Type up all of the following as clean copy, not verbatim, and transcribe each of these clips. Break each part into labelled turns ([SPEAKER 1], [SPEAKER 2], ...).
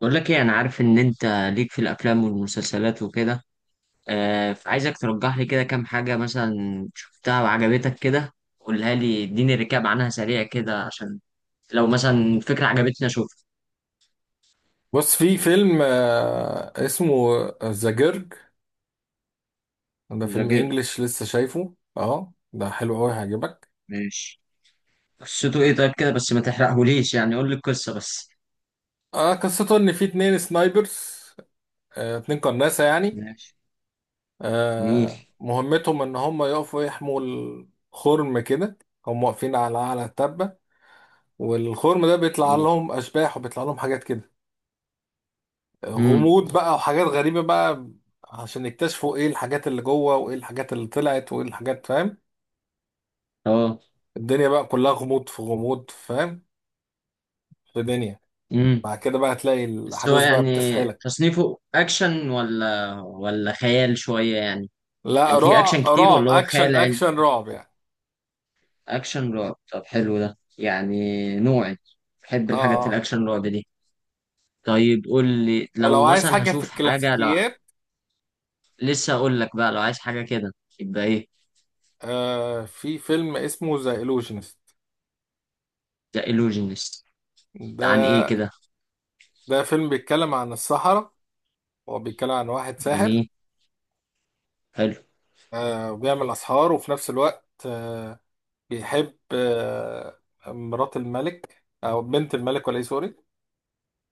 [SPEAKER 1] بقول لك ايه؟ انا عارف ان انت ليك في الافلام والمسلسلات وكده، فعايزك ترجح لي كده كام حاجه مثلا شفتها وعجبتك كده، قولها لي، اديني ريكاب عنها سريع كده، عشان لو مثلا فكره عجبتني اشوفها.
[SPEAKER 2] بص في فيلم اسمه ذا جيرج. ده فيلم
[SPEAKER 1] ذاكر.
[SPEAKER 2] انجليش لسه شايفه، اه ده حلو قوي هيعجبك.
[SPEAKER 1] ماشي. قصته ايه طيب كده؟ بس ما تحرقهوليش، يعني قول لي القصه بس.
[SPEAKER 2] قصته ان في اتنين سنايبرز، اتنين قناصة يعني.
[SPEAKER 1] ماشي. نيل.
[SPEAKER 2] مهمتهم ان هم يقفوا يحموا الخرم كده، هم واقفين على التبة، والخرم ده بيطلع
[SPEAKER 1] نيل.
[SPEAKER 2] لهم اشباح وبيطلع لهم حاجات كده،
[SPEAKER 1] امم.
[SPEAKER 2] غموض بقى وحاجات غريبة بقى، عشان يكتشفوا ايه الحاجات اللي جوه وايه الحاجات اللي طلعت وايه الحاجات، فاهم؟
[SPEAKER 1] اه.
[SPEAKER 2] الدنيا بقى كلها غموض في غموض، فاهم؟ في دنيا.
[SPEAKER 1] امم.
[SPEAKER 2] بعد كده بقى هتلاقي
[SPEAKER 1] بس هو
[SPEAKER 2] الاحداث بقى
[SPEAKER 1] يعني
[SPEAKER 2] بتسحلك.
[SPEAKER 1] تصنيفه اكشن ولا خيال شويه يعني؟
[SPEAKER 2] لا،
[SPEAKER 1] يعني في
[SPEAKER 2] رعب
[SPEAKER 1] اكشن كتير
[SPEAKER 2] رعب
[SPEAKER 1] ولا هو
[SPEAKER 2] اكشن،
[SPEAKER 1] خيال علمي؟
[SPEAKER 2] اكشن رعب يعني.
[SPEAKER 1] اكشن رعب؟ طب حلو ده يعني، نوعي. بحب
[SPEAKER 2] اه،
[SPEAKER 1] الحاجات
[SPEAKER 2] اه.
[SPEAKER 1] الاكشن رعب دي. طيب قول لي
[SPEAKER 2] ولو
[SPEAKER 1] لو
[SPEAKER 2] عايز
[SPEAKER 1] مثلا
[SPEAKER 2] حاجه في
[SPEAKER 1] هشوف حاجه، لو
[SPEAKER 2] الكلاسيكيات،
[SPEAKER 1] لسه اقول لك بقى، لو عايز حاجه كده يبقى ايه؟
[SPEAKER 2] في فيلم اسمه ذا illusionist.
[SPEAKER 1] ذا illusionist. ده عن
[SPEAKER 2] ده
[SPEAKER 1] ايه كده؟
[SPEAKER 2] فيلم بيتكلم عن السحرة، هو بيتكلم عن واحد ساحر.
[SPEAKER 1] جميل. حلو.
[SPEAKER 2] وبيعمل اسحار، وفي نفس الوقت بيحب مرات الملك او بنت الملك ولا ايه، سوري.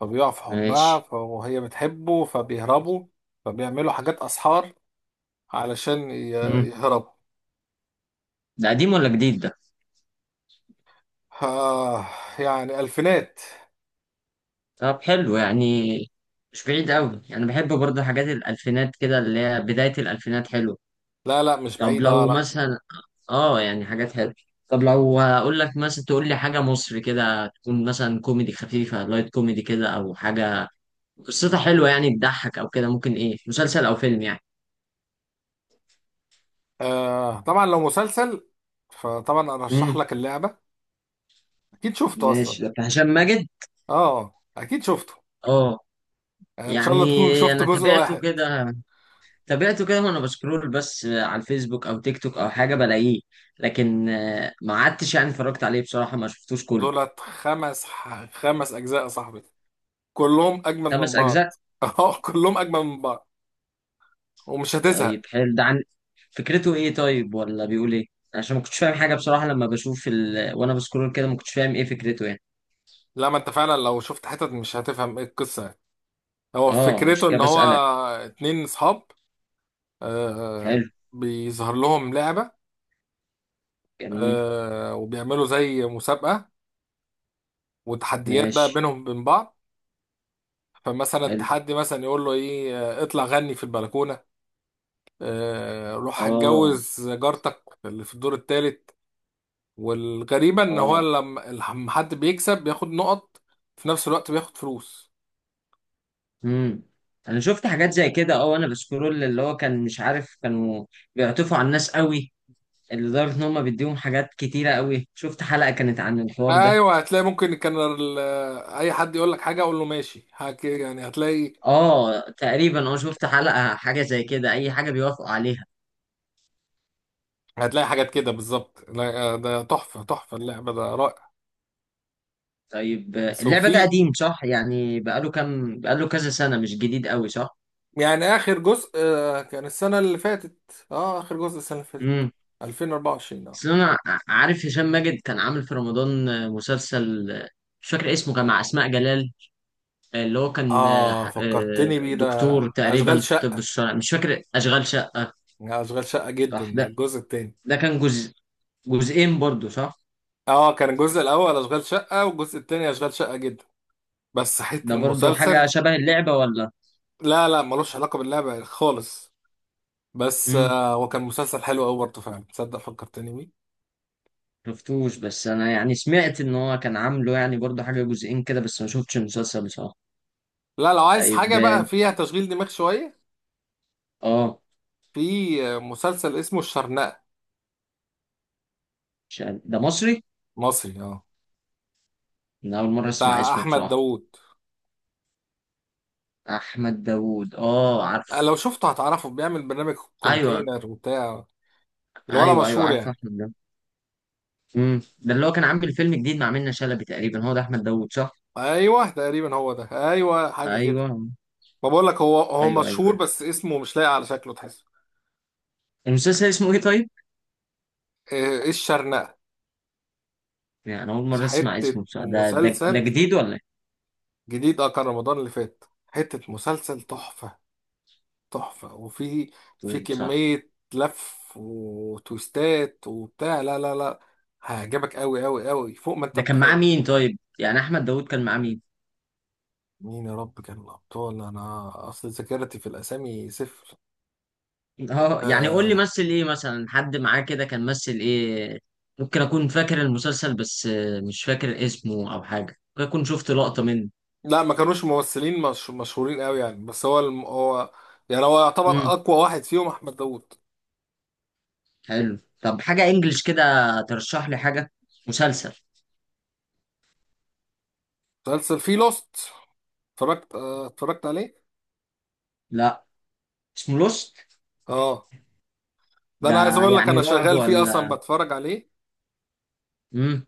[SPEAKER 2] فبيقع في حبها،
[SPEAKER 1] ماشي.
[SPEAKER 2] فهي بتحبه فبيهربوا، فبيعملوا حاجات اسحار علشان
[SPEAKER 1] مم.
[SPEAKER 2] يهربوا.
[SPEAKER 1] ده قديم ولا جديد ده؟
[SPEAKER 2] آه يعني ألفينات.
[SPEAKER 1] طب حلو يعني، مش بعيد قوي. انا بحب برضه حاجات الالفينات كده، اللي هي بدايه الالفينات حلوه.
[SPEAKER 2] لا لا، مش
[SPEAKER 1] طب
[SPEAKER 2] بعيد، اه
[SPEAKER 1] لو
[SPEAKER 2] لا.
[SPEAKER 1] مثلا، اه يعني حاجات حلوه. طب لو اقول لك مثلا تقول لي حاجه مصري كده، تكون مثلا كوميدي خفيفه، لايت كوميدي كده، او حاجه قصتها حلوه يعني تضحك او كده، ممكن ايه مسلسل او فيلم يعني؟
[SPEAKER 2] آه طبعا، لو مسلسل فطبعا أرشح
[SPEAKER 1] امم.
[SPEAKER 2] لك اللعبة. أكيد شفته أصلا.
[SPEAKER 1] ماشي، ده بتاع هشام ماجد.
[SPEAKER 2] اه أكيد شفته،
[SPEAKER 1] اه.
[SPEAKER 2] يعني إن شاء
[SPEAKER 1] يعني
[SPEAKER 2] الله تكون شفت
[SPEAKER 1] انا
[SPEAKER 2] جزء
[SPEAKER 1] تابعته
[SPEAKER 2] واحد.
[SPEAKER 1] كده، تابعته كده وانا بسكرول بس على الفيسبوك او تيك توك او حاجه بلاقيه، لكن ما عدتش يعني اتفرجت عليه بصراحه، ما شفتوش كله.
[SPEAKER 2] دولت خمس، خمس أجزاء يا صاحبي، كلهم أجمل
[SPEAKER 1] خمس
[SPEAKER 2] من بعض.
[SPEAKER 1] اجزاء
[SPEAKER 2] اه كلهم أجمل من بعض، ومش هتزهق.
[SPEAKER 1] طيب حلو. ده عن فكرته ايه طيب، ولا بيقول ايه؟ عشان ما كنتش فاهم حاجه بصراحه لما بشوف وانا بسكرول كده، ما كنتش فاهم ايه فكرته يعني.
[SPEAKER 2] لا، ما أنت فعلا لو شفت حتت مش هتفهم إيه القصة يعني. هو
[SPEAKER 1] اه، مش
[SPEAKER 2] فكرته
[SPEAKER 1] كده
[SPEAKER 2] إن هو
[SPEAKER 1] بسألك.
[SPEAKER 2] اتنين صحاب. آه. آه،
[SPEAKER 1] حلو.
[SPEAKER 2] بيظهر لهم لعبة،
[SPEAKER 1] جميل.
[SPEAKER 2] وبيعملوا زي مسابقة وتحديات بقى
[SPEAKER 1] ماشي.
[SPEAKER 2] بينهم بين بعض. فمثلا
[SPEAKER 1] حلو.
[SPEAKER 2] التحدي مثلا يقول له ايه، اطلع غني في البلكونة، آه روح
[SPEAKER 1] اه.
[SPEAKER 2] هتجوز جارتك اللي في الدور الثالث. والغريبة ان هو
[SPEAKER 1] اه.
[SPEAKER 2] لما حد بيكسب بياخد نقط، في نفس الوقت بياخد فلوس.
[SPEAKER 1] امم. انا شفت حاجات زي كده، اه، وانا بسكرول، اللي هو كان مش عارف، كانوا بيعطفوا على الناس قوي، اللي لدرجه ان هم بيديهم حاجات كتيره قوي. شفت حلقه كانت عن الحوار ده.
[SPEAKER 2] ايوه، هتلاقي ممكن كان اي حد يقول لك حاجة اقول له ماشي يعني هتلاقي،
[SPEAKER 1] اه تقريبا، اه شفت حلقه حاجه زي كده، اي حاجه بيوافقوا عليها.
[SPEAKER 2] هتلاقي حاجات كده بالظبط. لا، آه، ده تحفة، تحفة، اللعبة ده رائع.
[SPEAKER 1] طيب
[SPEAKER 2] بس
[SPEAKER 1] اللعبة ده
[SPEAKER 2] وفي
[SPEAKER 1] قديم صح يعني؟ بقاله كام، بقاله كذا سنة، مش جديد قوي صح؟
[SPEAKER 2] يعني آخر جزء كان السنة اللي فاتت، اه آخر جزء السنة اللي فاتت
[SPEAKER 1] امم.
[SPEAKER 2] 2024. اه
[SPEAKER 1] بس انا عارف هشام ماجد كان عامل في رمضان، مسلسل، مش فاكر اسمه، كان مع أسماء جلال، اللي هو كان
[SPEAKER 2] اه، فكرتني بيه ده،
[SPEAKER 1] دكتور
[SPEAKER 2] أشغال
[SPEAKER 1] تقريبا في الطب
[SPEAKER 2] شقة،
[SPEAKER 1] الشرعي، مش فاكر، أشغال شقة.
[SPEAKER 2] أشغال شقة
[SPEAKER 1] صح
[SPEAKER 2] جدا ده الجزء التاني.
[SPEAKER 1] ده كان جزء، جزئين برضو صح؟
[SPEAKER 2] اه كان الجزء الأول أشغال شقة والجزء التاني أشغال شقة جدا، بس حتة
[SPEAKER 1] ده برضو حاجة
[SPEAKER 2] المسلسل.
[SPEAKER 1] شبه اللعبة ولا؟
[SPEAKER 2] لا لا، ملوش علاقة باللعبة خالص، بس
[SPEAKER 1] امم.
[SPEAKER 2] آه هو كان مسلسل حلو أوي برضه فعلا، تصدق فكرتني بيه.
[SPEAKER 1] شفتوش، بس انا يعني سمعت ان هو كان عامله يعني برضو حاجة جزئين كده، بس ما شفتش المسلسل بصراحة.
[SPEAKER 2] لا، لو عايز
[SPEAKER 1] طيب
[SPEAKER 2] حاجة
[SPEAKER 1] اه.
[SPEAKER 2] بقى فيها تشغيل دماغ شوية،
[SPEAKER 1] آه.
[SPEAKER 2] في مسلسل اسمه الشرنقة.
[SPEAKER 1] مش عارف. ده مصري؟
[SPEAKER 2] مصري اه،
[SPEAKER 1] انا اول مره اسمع
[SPEAKER 2] بتاع
[SPEAKER 1] اسمه
[SPEAKER 2] أحمد
[SPEAKER 1] بصراحه.
[SPEAKER 2] داوود.
[SPEAKER 1] احمد داوود، اه عارف.
[SPEAKER 2] لو شفته هتعرفه، بيعمل برنامج
[SPEAKER 1] ايوه.
[SPEAKER 2] كونتينر وبتاع، اللي ولا
[SPEAKER 1] ايوه. ايوه
[SPEAKER 2] مشهور
[SPEAKER 1] عارف
[SPEAKER 2] يعني.
[SPEAKER 1] احمد داوود. امم، ده اللي هو كان عامل فيلم جديد مع منة شلبي تقريبا، هو ده احمد داوود صح؟
[SPEAKER 2] ايوه تقريبا هو ده، ايوه حاجه كده.
[SPEAKER 1] ايوه.
[SPEAKER 2] ما بقول لك، هو
[SPEAKER 1] ايوه ايوه.
[SPEAKER 2] مشهور بس اسمه مش لاقي، على شكله تحسه.
[SPEAKER 1] المسلسل اسمه ايه طيب؟
[SPEAKER 2] ايه إيه، الشرنقه.
[SPEAKER 1] يعني انا اول مره اسمع
[SPEAKER 2] حته
[SPEAKER 1] اسمه بصراحه،
[SPEAKER 2] مسلسل
[SPEAKER 1] ده جديد ولا ايه؟
[SPEAKER 2] جديد، اه كان رمضان اللي فات، حته مسلسل تحفه، تحفه. وفي، في
[SPEAKER 1] تقول صح؟
[SPEAKER 2] كميه لف وتويستات وبتاع، لا لا لا، هيعجبك قوي قوي قوي فوق ما انت
[SPEAKER 1] ده كان معاه
[SPEAKER 2] متخيل.
[SPEAKER 1] مين طيب يعني، احمد داوود كان معاه مين؟
[SPEAKER 2] مين يا رب كان الابطال، انا اصل ذاكرتي في الاسامي صفر.
[SPEAKER 1] اه، يعني قول لي
[SPEAKER 2] آه
[SPEAKER 1] مثل ايه، مثلا حد معاه كده كان مثل ايه، ممكن اكون فاكر المسلسل، بس مش فاكر اسمه او حاجه، ممكن اكون شفت لقطه منه.
[SPEAKER 2] لا، ما كانوش ممثلين مش مشهورين قوي يعني، بس هو هو يعني هو يعتبر
[SPEAKER 1] امم.
[SPEAKER 2] اقوى واحد فيهم احمد داوود.
[SPEAKER 1] حلو. طب حاجة انجلش كده ترشح لي حاجة، مسلسل.
[SPEAKER 2] مسلسل فيه لوست، اتفرجت اتفرجت عليه.
[SPEAKER 1] لا. اسمه لوست
[SPEAKER 2] اه ده
[SPEAKER 1] ده؟
[SPEAKER 2] انا عايز اقول لك،
[SPEAKER 1] يعني
[SPEAKER 2] انا
[SPEAKER 1] رعب
[SPEAKER 2] شغال فيه اصلا
[SPEAKER 1] ولا؟
[SPEAKER 2] بتفرج عليه.
[SPEAKER 1] امم.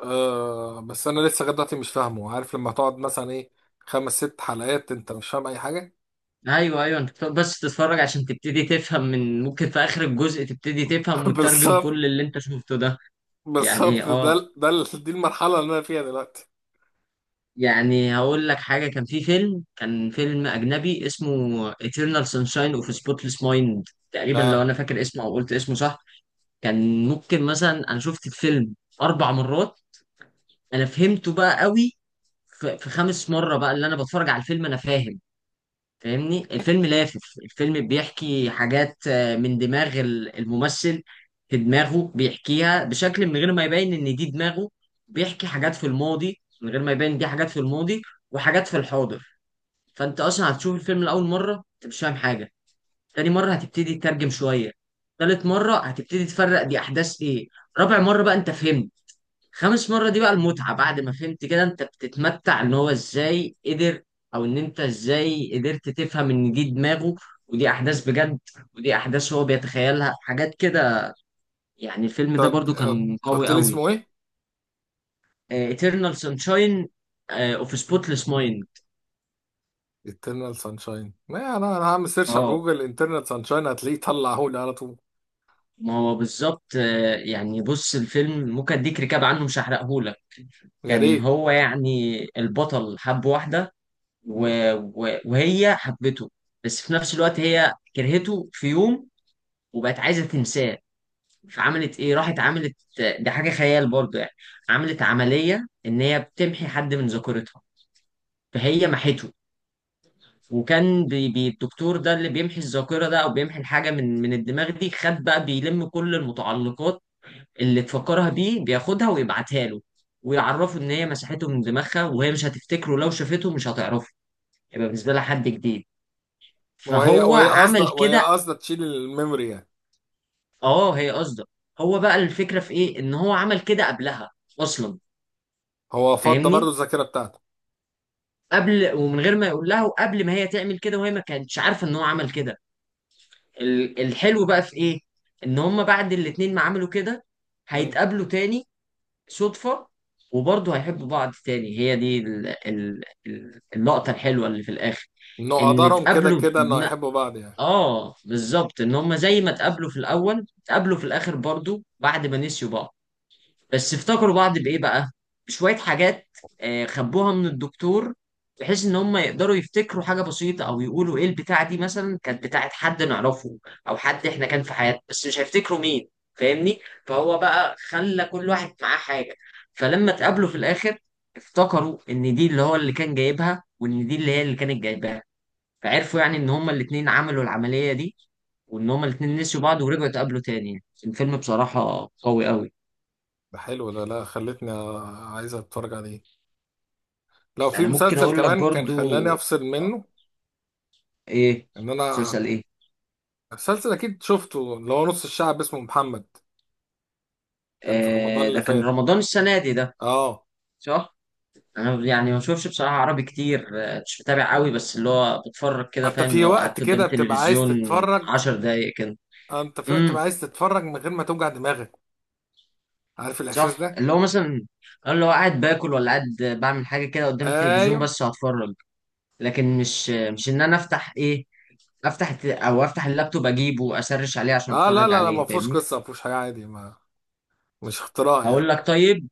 [SPEAKER 2] آه، بس انا لسه لغايه دلوقتي مش فاهمه، عارف لما تقعد مثلا ايه، خمس ست حلقات انت مش فاهم اي حاجه.
[SPEAKER 1] ايوه ايوه، انت بتقعد بس تتفرج عشان تبتدي تفهم، من ممكن في اخر الجزء تبتدي تفهم وتترجم
[SPEAKER 2] بالظبط،
[SPEAKER 1] كل اللي انت شفته ده. يعني
[SPEAKER 2] بالظبط،
[SPEAKER 1] اه،
[SPEAKER 2] دي المرحله اللي انا فيها دلوقتي.
[SPEAKER 1] يعني هقول لك حاجة، كان فيلم أجنبي اسمه Eternal Sunshine of a Spotless Mind، تقريبا لو
[SPEAKER 2] اه
[SPEAKER 1] أنا فاكر اسمه أو قلت اسمه صح. كان ممكن مثلا أنا شفت الفيلم 4 مرات، انا فهمته بقى قوي في خامس مرة بقى، اللي أنا بتفرج على الفيلم أنا فاهم، فاهمني؟ الفيلم لافف. الفيلم بيحكي حاجات من دماغ الممثل، في دماغه بيحكيها بشكل من غير ما يبين إن دي دماغه، بيحكي حاجات في الماضي من غير ما يبين دي حاجات في الماضي وحاجات في الحاضر. فأنت أصلا هتشوف الفيلم لأول مرة أنت مش فاهم حاجة، تاني مرة هتبتدي تترجم شوية، تالت مرة هتبتدي تفرق دي أحداث إيه، رابع مرة بقى أنت فهمت، خامس مرة دي بقى المتعة. بعد ما فهمت كده انت بتتمتع ان هو ازاي قدر، او ان انت ازاي قدرت تفهم ان دي دماغه ودي احداث بجد ودي احداث هو بيتخيلها حاجات كده. يعني الفيلم
[SPEAKER 2] أنت
[SPEAKER 1] ده برضو
[SPEAKER 2] قلت،
[SPEAKER 1] كان قوي
[SPEAKER 2] قلت لي
[SPEAKER 1] قوي.
[SPEAKER 2] اسمه ايه؟
[SPEAKER 1] Eternal Sunshine of a Spotless Mind.
[SPEAKER 2] eternal sunshine، ما انا هعمل سيرش على
[SPEAKER 1] اه.
[SPEAKER 2] جوجل eternal sunshine هتلاقيه طلع هولي على طول.
[SPEAKER 1] ما هو بالظبط، يعني بص الفيلم ممكن اديك ركاب عنه، مش هحرقهولك.
[SPEAKER 2] يا
[SPEAKER 1] كان
[SPEAKER 2] ريت.
[SPEAKER 1] هو يعني البطل حب واحدة، و...
[SPEAKER 2] م?
[SPEAKER 1] وهي حبته، بس في نفس الوقت هي كرهته في يوم، وبقت عايزه تنساه، فعملت ايه؟ راحت عملت، ده حاجه خيال برضه يعني، عملت عمليه ان هي بتمحي حد من ذاكرتها، فهي محته. وكان الدكتور ده اللي بيمحي الذاكره ده او بيمحي الحاجه من الدماغ دي، خد بقى بيلم كل المتعلقات اللي تفكرها بيه، بياخدها ويبعتها له، ويعرفه ان هي مسحته من دماغها، وهي مش هتفتكره، لو شافته مش هتعرفه، يبقى بالنسبه لها حد جديد،
[SPEAKER 2] وهي
[SPEAKER 1] فهو
[SPEAKER 2] وهي
[SPEAKER 1] عمل
[SPEAKER 2] قصده وهي
[SPEAKER 1] كده.
[SPEAKER 2] قصده تشيل الميموري يعني.
[SPEAKER 1] اه، هي قصده. هو بقى الفكرة في ايه؟ ان هو عمل كده قبلها اصلا،
[SPEAKER 2] هو فضى برضو
[SPEAKER 1] فاهمني؟
[SPEAKER 2] الذاكره بتاعته.
[SPEAKER 1] قبل ومن غير ما يقول لها، وقبل ما هي تعمل كده، وهي ما كانتش عارفة ان هو عمل كده. الحلو بقى في ايه؟ ان هما بعد الاتنين ما عملوا كده،
[SPEAKER 2] م?
[SPEAKER 1] هيتقابلوا تاني صدفة، وبرضه هيحبوا بعض تاني. هي دي اللقطة الحلوة اللي في الاخر،
[SPEAKER 2] انه
[SPEAKER 1] ان
[SPEAKER 2] قدرهم كده
[SPEAKER 1] اتقابلوا
[SPEAKER 2] كده انه يحبوا بعض يعني.
[SPEAKER 1] اه بالظبط، ان هما زي ما اتقابلوا في الاول اتقابلوا في الاخر برضه بعد ما نسيوا بعض، بس افتكروا بعض بايه بقى؟ شويه حاجات خبوها من الدكتور، بحيث ان هم يقدروا يفتكروا حاجه بسيطه، او يقولوا ايه البتاعه دي، مثلا كانت بتاعه حد نعرفه او حد احنا كان في حياتنا، بس مش هيفتكروا مين، فاهمني؟ فهو بقى خلى كل واحد معاه حاجه، فلما اتقابلوا في الاخر افتكروا ان دي اللي هو اللي كان جايبها، وان دي اللي هي اللي كانت جايباها، فعرفوا يعني ان هما الاتنين عملوا العمليه دي، وان هما الاتنين نسيوا بعض ورجعوا اتقابلوا تاني. الفيلم بصراحه قوي قوي.
[SPEAKER 2] ده حلو ده، لا خلتني عايز اتفرج عليه. لو في
[SPEAKER 1] انا ممكن
[SPEAKER 2] مسلسل
[SPEAKER 1] اقول لك
[SPEAKER 2] كمان كان
[SPEAKER 1] برضو.
[SPEAKER 2] خلاني افصل منه،
[SPEAKER 1] ايه؟
[SPEAKER 2] ان انا.
[SPEAKER 1] مسلسل ايه؟
[SPEAKER 2] مسلسل اكيد شفته، اللي هو نص الشعب اسمه محمد. كان في رمضان
[SPEAKER 1] آه، ده
[SPEAKER 2] اللي
[SPEAKER 1] كان
[SPEAKER 2] فات،
[SPEAKER 1] رمضان السنه دي ده.
[SPEAKER 2] اه.
[SPEAKER 1] صح. انا يعني ما بشوفش بصراحه عربي كتير، مش متابع قوي، بس اللي هو بتفرج كده
[SPEAKER 2] انت
[SPEAKER 1] فاهم،
[SPEAKER 2] في
[SPEAKER 1] لو
[SPEAKER 2] وقت
[SPEAKER 1] قعدت قدام
[SPEAKER 2] كده بتبقى عايز
[SPEAKER 1] التلفزيون
[SPEAKER 2] تتفرج.
[SPEAKER 1] 10 دقايق كده.
[SPEAKER 2] اه انت في وقت بقى
[SPEAKER 1] امم.
[SPEAKER 2] عايز تتفرج من غير ما توجع دماغك، عارف الاحساس
[SPEAKER 1] صح،
[SPEAKER 2] ده.
[SPEAKER 1] اللي هو مثلا أنا، اللي هو قاعد باكل ولا قاعد بعمل حاجه كده قدام التلفزيون
[SPEAKER 2] ايوه.
[SPEAKER 1] بس هتفرج، لكن مش ان انا افتح ايه، افتح او افتح اللابتوب اجيبه واسرش عليه عشان
[SPEAKER 2] اه لا
[SPEAKER 1] اتفرج
[SPEAKER 2] لا لا، ما
[SPEAKER 1] عليه،
[SPEAKER 2] فيهوش
[SPEAKER 1] فاهمني؟
[SPEAKER 2] قصه، ما فيهوش حاجه عادي، ما مش اختراع
[SPEAKER 1] هقول
[SPEAKER 2] يعني.
[SPEAKER 1] لك طيب،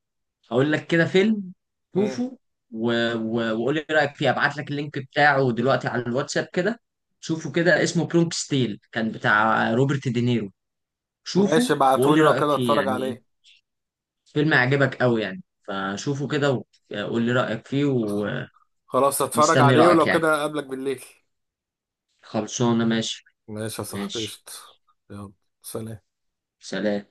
[SPEAKER 1] هقول لك كده فيلم
[SPEAKER 2] مم.
[SPEAKER 1] شوفه، وقول لي رايك فيه، ابعت لك اللينك بتاعه دلوقتي على الواتساب كده، شوفه كده، اسمه برونكس تيل، كان بتاع روبرت دينيرو.
[SPEAKER 2] ماشي،
[SPEAKER 1] شوفه وقول لي
[SPEAKER 2] ابعتهولي لو
[SPEAKER 1] رايك
[SPEAKER 2] كده
[SPEAKER 1] فيه
[SPEAKER 2] اتفرج
[SPEAKER 1] يعني،
[SPEAKER 2] عليه.
[SPEAKER 1] فيلم هيعجبك قوي يعني فشوفه كده، وقول لي رايك فيه،
[SPEAKER 2] خلاص اتفرج
[SPEAKER 1] ومستني
[SPEAKER 2] عليه
[SPEAKER 1] رايك
[SPEAKER 2] ولو
[SPEAKER 1] يعني.
[SPEAKER 2] كده اقابلك بالليل.
[SPEAKER 1] خلصانه ماشي.
[SPEAKER 2] ماشي يا صاحبي،
[SPEAKER 1] ماشي.
[SPEAKER 2] قشطة. يلا، سلام.
[SPEAKER 1] سلام.